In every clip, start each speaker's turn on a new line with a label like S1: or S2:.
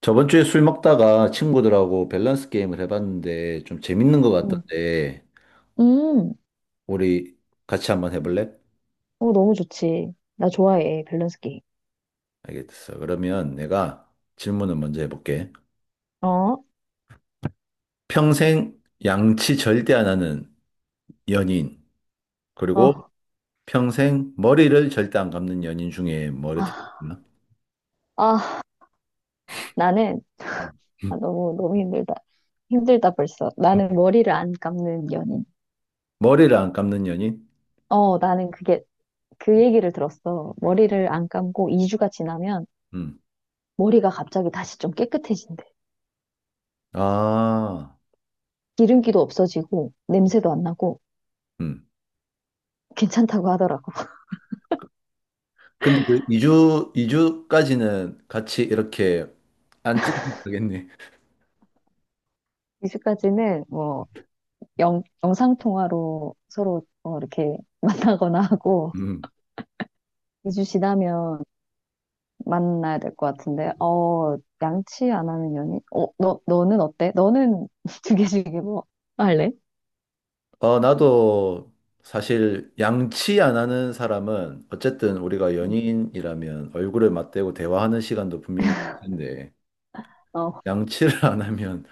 S1: 저번 주에 술 먹다가 친구들하고 밸런스 게임을 해봤는데 좀 재밌는 것
S2: 음,
S1: 같던데.
S2: 음,
S1: 우리 같이 한번 해볼래?
S2: 너무 좋지. 나 좋아해, 밸런스 게임.
S1: 알겠어. 그러면 내가 질문을 먼저 해볼게.
S2: 어,
S1: 평생 양치 절대 안 하는 연인, 그리고
S2: 어,
S1: 평생 머리를 절대 안 감는 연인 중에 뭐를
S2: 아,
S1: 택하나?
S2: 아, 나는,
S1: 음. 음.
S2: 너무, 너무 힘들다. 힘들다, 벌써. 나는 머리를 안 감는 연인.
S1: 머리를 안 감는 연인?
S2: 나는 그 얘기를 들었어. 머리를 안 감고 2주가 지나면
S1: 음.
S2: 머리가 갑자기 다시 좀 깨끗해진대.
S1: 아.
S2: 기름기도 없어지고, 냄새도 안 나고,
S1: 음.
S2: 괜찮다고 하더라고.
S1: 근데 그 2주, 이주까지는 같이 이렇게 안 찢어도 되겠네.
S2: 2주까지는 뭐, 영상통화로 서로 이렇게 만나거나 하고,
S1: 음.
S2: 2주 지나면 만나야 될 것 같은데. 양치 안 하는 연인? 어, 너는 어때? 너는 두 개씩 뭐 할래?
S1: 나도 사실 양치 안 하는 사람은 어쨌든 우리가 연인이라면 얼굴을 맞대고 대화하는 시간도 분명히 있을 텐데
S2: 응.
S1: 양치를 안 하면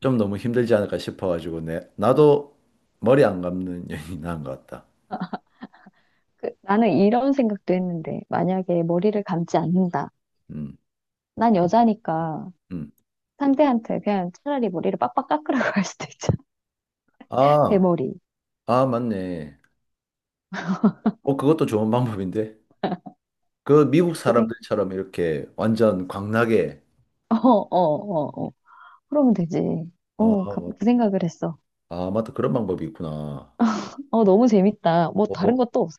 S1: 좀 너무 힘들지 않을까 싶어가지고 나도 머리 안 감는 연인이 나은 것 같다.
S2: 나는 이런 생각도 했는데, 만약에 머리를 감지 않는다.
S1: 음,
S2: 난 여자니까
S1: 음.
S2: 상대한테 그냥 차라리 머리를 빡빡 깎으라고 할 수도 있잖아.
S1: 아,
S2: 대머리.
S1: 아, 맞네. 그것도 좋은 방법인데. 그 미국
S2: 그 생,
S1: 사람들처럼 이렇게 완전 광나게.
S2: 어, 어, 어, 어. 어. 그러면 되지.
S1: 아,
S2: 그 생각을 했어.
S1: 아, 맞다. 그런 방법이 있구나.
S2: 어, 너무 재밌다. 뭐 다른
S1: 어,
S2: 것도 없어.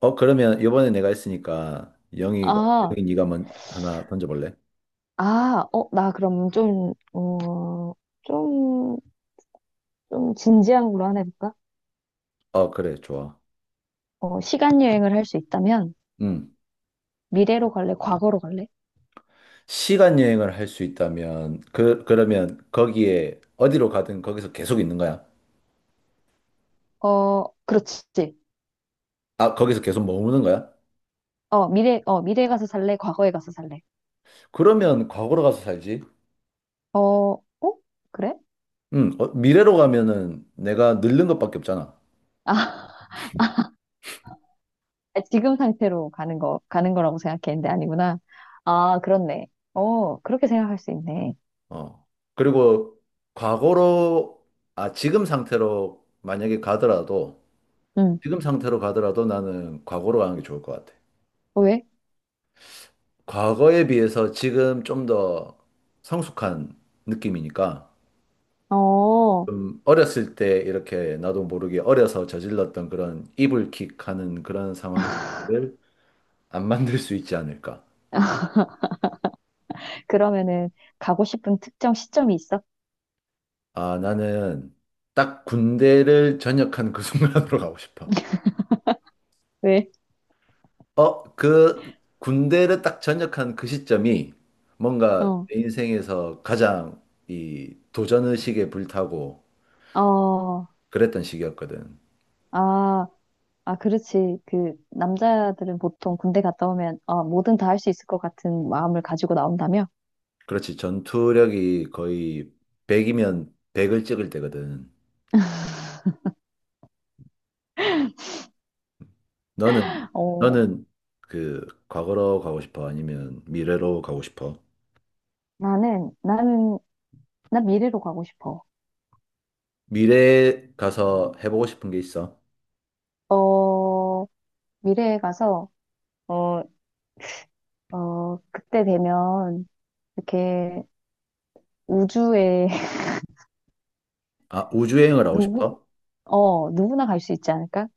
S1: 그러면 이번에 내가 했으니까 영희가
S2: 아,
S1: 영희 네가 먼 하나 던져볼래?
S2: 나 그럼 좀 좀 진지한 걸로 하나 해볼까?
S1: 어, 그래, 좋아.
S2: 어, 시간 여행을 할 수 있다면
S1: 음.
S2: 미래로 갈래? 과거로 갈래?
S1: 시간 여행을 할 수 있다면 그러면 거기에 어디로 가든 거기서 계속 있는 거야?
S2: 어, 그렇지.
S1: 아, 거기서 계속 머무는 거야?
S2: 미래에 가서 살래? 과거에 가서 살래?
S1: 그러면 과거로 가서 살지.
S2: 어, 어? 그래?
S1: 미래로 가면은 내가 늙는 것밖에 없잖아.
S2: 아, 지금 상태로 가는 가는 거라고 생각했는데 아니구나. 아, 그렇네. 어, 그렇게 생각할 수 있네.
S1: 어. 그리고 과거로 아, 지금 상태로 만약에 가더라도
S2: 응.
S1: 지금 상태로 가더라도 나는 과거로 가는 게 좋을 것 같아.
S2: 어, 왜?
S1: 과거에 비해서 지금 좀 더 성숙한 느낌이니까
S2: 어,
S1: 좀 어렸을 때 이렇게 나도 모르게 어려서 저질렀던 그런 이불킥 하는 그런 상황을 안 만들 수 있지 않을까.
S2: 그러면은 가고 싶은 특정 시점이 있어?
S1: 아, 나는 딱 군대를 전역한 그 순간으로 가고 싶어.
S2: 왜?
S1: 그 군대를 딱 전역한 그 시점이 뭔가
S2: 어,
S1: 내 인생에서 가장 이 도전 의식에 불타고
S2: 어,
S1: 그랬던 시기였거든.
S2: 아. 아, 그렇지. 그, 남자들은 보통 군대 갔다 오면, 아, 뭐든 다 할 수 있을 것 같은 마음을 가지고 나온다며?
S1: 그렇지. 전투력이 거의 100이면 100을 찍을 때거든. 너는,
S2: 어,
S1: 너는 그 과거로 가고 싶어? 아니면 미래로 가고 싶어?
S2: 나는, 나 미래로 가고 싶어.
S1: 미래에 가서 해보고 싶은 게 있어?
S2: 어, 미래에 가서, 어, 그때 되면, 이렇게 우주에,
S1: 아, 우주여행을 하고
S2: 누구,
S1: 싶어?
S2: 누구나 갈 수 있지 않을까?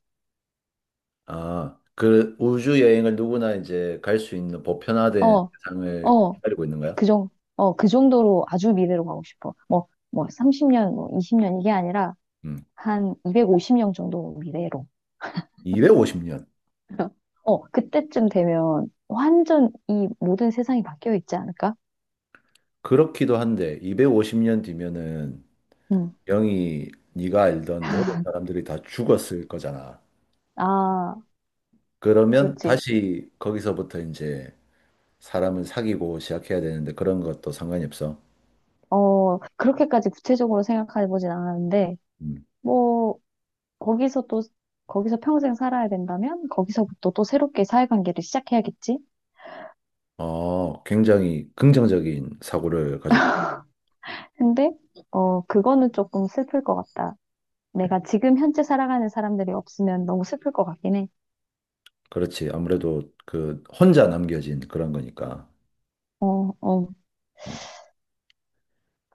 S1: 아, 그 우주여행을 누구나 이제 갈 수 있는 보편화된
S2: 어,
S1: 세상을
S2: 어,
S1: 기다리고 있는 거야?
S2: 그 정, 그 정도로 아주 미래로 가고 싶어. 뭐, 뭐, 30년, 뭐, 20년 이게 아니라,
S1: 음.
S2: 한 250년 정도 미래로.
S1: 250년.
S2: 어, 그때쯤 되면 완전 이 모든 세상이 바뀌어 있지 않을까?
S1: 그렇기도 한데, 250년 뒤면은
S2: 음.
S1: 영이 네가 알던 모든 사람들이 다 죽었을 거잖아.
S2: 아,
S1: 그러면
S2: 그렇지.
S1: 다시 거기서부터 이제 사람을 사귀고 시작해야 되는데 그런 것도 상관이 없어.
S2: 어, 그렇게까지 구체적으로 생각해 보진 않았는데,
S1: 음.
S2: 뭐, 거기서 또, 거기서 평생 살아야 된다면, 거기서부터 또 새롭게 사회관계를 시작해야겠지?
S1: 어, 굉장히 긍정적인 사고를 가졌고.
S2: 근데, 어, 그거는 조금 슬플 것 같다. 내가 지금 현재 살아가는 사람들이 없으면 너무 슬플 것 같긴 해.
S1: 그렇지. 아무래도 그 혼자 남겨진 그런 거니까.
S2: 어, 어,
S1: 음,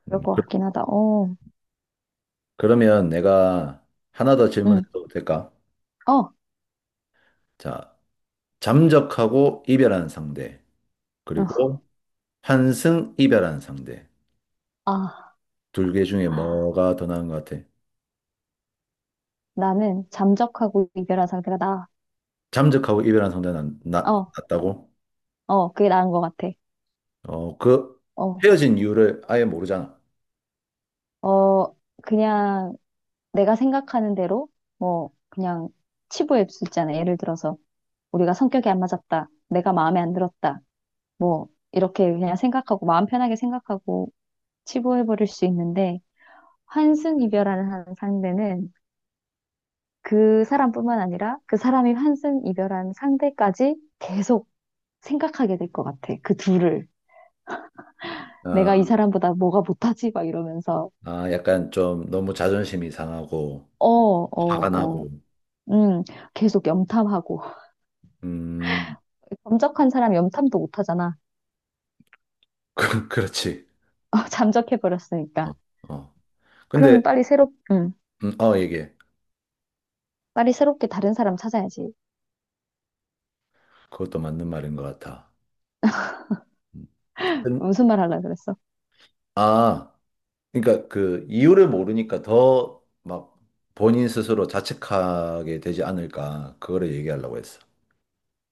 S2: 그럴
S1: 음,
S2: 것
S1: 그,
S2: 같긴 하다. 어,
S1: 러면 내가 하나 더
S2: 응,
S1: 질문해도 될까?
S2: 어, 어.
S1: 자, 잠적하고 이별한 상대, 그리고 환승 이별한 상대.
S2: 아,
S1: 둘 개 중에 뭐가 더 나은 것 같아?
S2: 나는 잠적하고 이별한 상태가 나.
S1: 잠적하고 이별한 상대는 나,
S2: 어,
S1: 낫다고?
S2: 어, 그게 나은 것 같아.
S1: 어, 그
S2: 어,
S1: 헤어진 이유를 아예 모르잖아.
S2: 어, 그냥 내가 생각하는 대로, 뭐, 그냥 치부할 수 있잖아. 예를 들어서, 우리가 성격이 안 맞았다. 내가 마음에 안 들었다. 뭐, 이렇게 그냥 생각하고, 마음 편하게 생각하고, 치부해버릴 수 있는데, 환승 이별하는 한 상대는 그 사람뿐만 아니라 그 사람이 환승 이별한 상대까지 계속 생각하게 될 것 같아. 그 둘을.
S1: 아,
S2: 내가 이 사람보다 뭐가 못하지? 막 이러면서.
S1: 아, 약간 좀 너무 자존심이 상하고
S2: 어, 어,
S1: 화가
S2: 어.
S1: 나고.
S2: 음, 계속 염탐하고.
S1: 음.
S2: 범적한 사람 염탐도 못 하잖아.
S1: 그렇지.
S2: 어,
S1: 어,
S2: 잠적해버렸으니까.
S1: 어.
S2: 그럼
S1: 근데
S2: 빨리 새롭, 음,
S1: 얘기해.
S2: 빨리 새롭게 다른 사람 찾아야지.
S1: 그것도 맞는 말인 것 같아. 음, 근-
S2: 무슨 말 하려고 그랬어?
S1: 아, 그러니까 그 이유를 모르니까 더 막 본인 스스로 자책하게 되지 않을까. 그거를 얘기하려고 했어.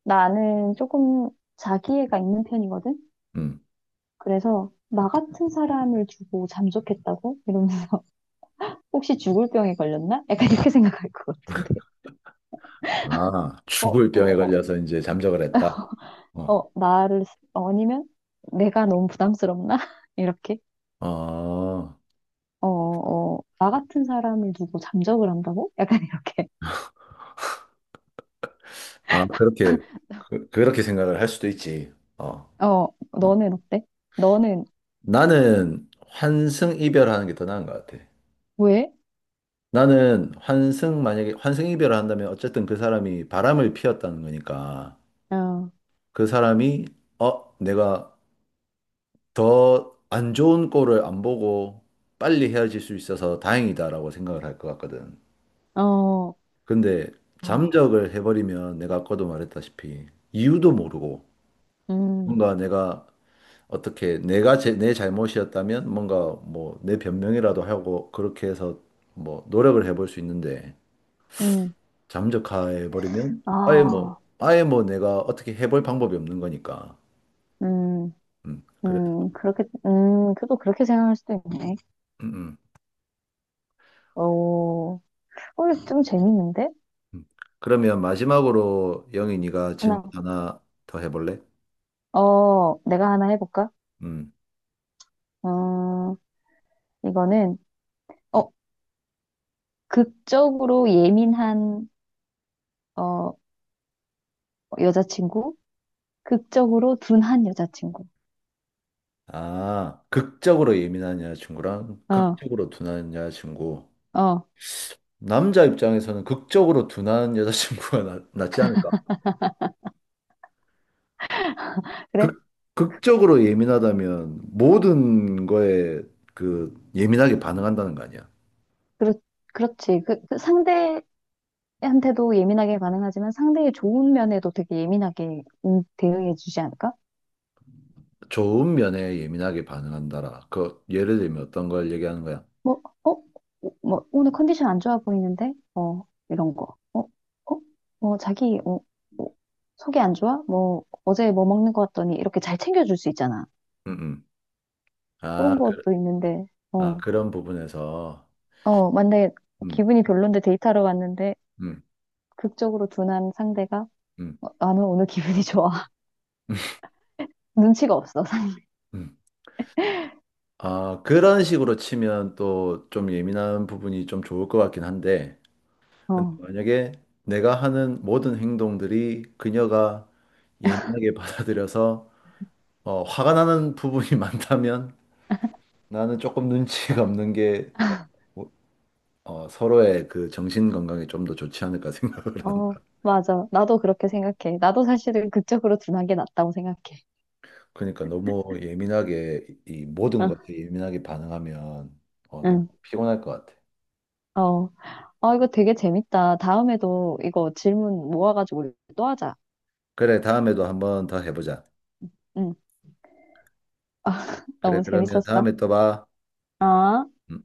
S2: 나는 조금 자기애가 있는 편이거든?
S1: 음.
S2: 그래서, 나 같은 사람을 두고 잠적했다고? 이러면서, 혹시 죽을 병에 걸렸나? 약간 이렇게 생각할 것 같은데.
S1: 아,
S2: 어,
S1: 죽을
S2: 어,
S1: 병에
S2: 어,
S1: 걸려서 이제 잠적을 했다. 어.
S2: 어, 나를, 아니면 내가 너무 부담스럽나? 이렇게.
S1: 아.
S2: 어, 어, 나 같은 사람을 두고 잠적을 한다고? 약간 이렇게.
S1: 아, 그렇게 생각을 할 수도 있지. 어,
S2: 어,
S1: 어.
S2: 너는 어때? 너는
S1: 나는 환승 이별하는 게 더 나은 것 같아.
S2: 왜?
S1: 나는 만약에 환승 이별을 한다면 어쨌든 그 사람이 바람을 피웠다는 거니까
S2: 어,
S1: 그 사람이, 내가 더 안 좋은 꼴을 안 보고 빨리 헤어질 수 있어서 다행이다라고 생각을 할 것 같거든.
S2: 어,
S1: 근데
S2: 아,
S1: 잠적을 해버리면 내가 아까도 말했다시피 이유도 모르고
S2: 음,
S1: 뭔가 내가 어떻게 내가 내 잘못이었다면 뭔가 뭐 내 변명이라도 하고 그렇게 해서 뭐 노력을 해볼 수 있는데
S2: 음,
S1: 잠적해 버리면 아예 뭐
S2: 아,
S1: 아예 뭐 내가 어떻게 해볼 방법이 없는 거니까.
S2: 음,
S1: 음. 그래서.
S2: 그렇게, 그래도 그렇게 생각할 수도 있네.
S1: 음, 음,
S2: 어, 어, 좀 재밌는데?
S1: 음. 그러면 마지막으로 영희 네가 질문
S2: 하나,
S1: 하나 더 해볼래?
S2: 내가 하나 해볼까?
S1: 음.
S2: 어, 이거는, 어, 극적으로 어, 여자친구, 극적으로 둔한 여자친구.
S1: 아, 극적으로 예민한 여자친구랑
S2: 어,
S1: 극적으로 둔한 여자친구.
S2: 어,
S1: 남자 입장에서는 극적으로 둔한 여자친구가 낫지 않을까?
S2: 그래?
S1: 극, 극적으로 예민하다면 모든 거에 그 예민하게 반응한다는 거 아니야?
S2: 그렇, 그렇지. 그 상대, 한테도 예민하게 반응하지만 상대의 좋은 면에도 되게 예민하게 대응해 주지 않을까?
S1: 좋은 면에 예민하게 반응한다라. 그 예를 들면 어떤 걸 얘기하는 거야?
S2: 뭐, 어? 뭐, 오늘 컨디션 안 좋아 보이는데? 어, 이런 거. 어? 어? 뭐, 어, 속이 안 좋아? 뭐, 어제 뭐 먹는 거 같더니 이렇게 잘 챙겨줄 수 있잖아.
S1: 음, 음. 아,
S2: 그런 것도 있는데, 어,
S1: 그런 부분에서
S2: 어, 만약에
S1: 음,
S2: 기분이 별론데 데이트하러 왔는데
S1: 음,
S2: 극적으로 둔한 상대가
S1: 음,
S2: 어, 나는 오늘 기분이 좋아. 눈치가 없어.
S1: 음. 아, 그런 식으로 치면 또 좀 예민한 부분이 좀 좋을 것 같긴 한데 근데 만약에 내가 하는 모든 행동들이 그녀가 예민하게 받아들여서 화가 나는 부분이 많다면 나는 조금 눈치가 없는 게
S2: 어.
S1: 뭐, 서로의 그 정신 건강에 좀 더 좋지 않을까 생각을
S2: 어,
S1: 한다.
S2: 맞아. 나도 그렇게 생각해. 나도 사실은 그쪽으로 둔한 게 낫다고 생각해.
S1: 그러니까 너무 예민하게 이 모든
S2: 응,
S1: 것에 예민하게 반응하면 너무
S2: 응,
S1: 피곤할 것 같아.
S2: 어. 아, 이거 되게 재밌다. 다음에도 이거 질문 모아가지고 우리 또 하자.
S1: 그래, 다음에도 한번 더 해보자.
S2: 응.
S1: 그래,
S2: 너무
S1: 그러면
S2: 재밌었어.
S1: 다음에 또 봐.
S2: 어?
S1: 음.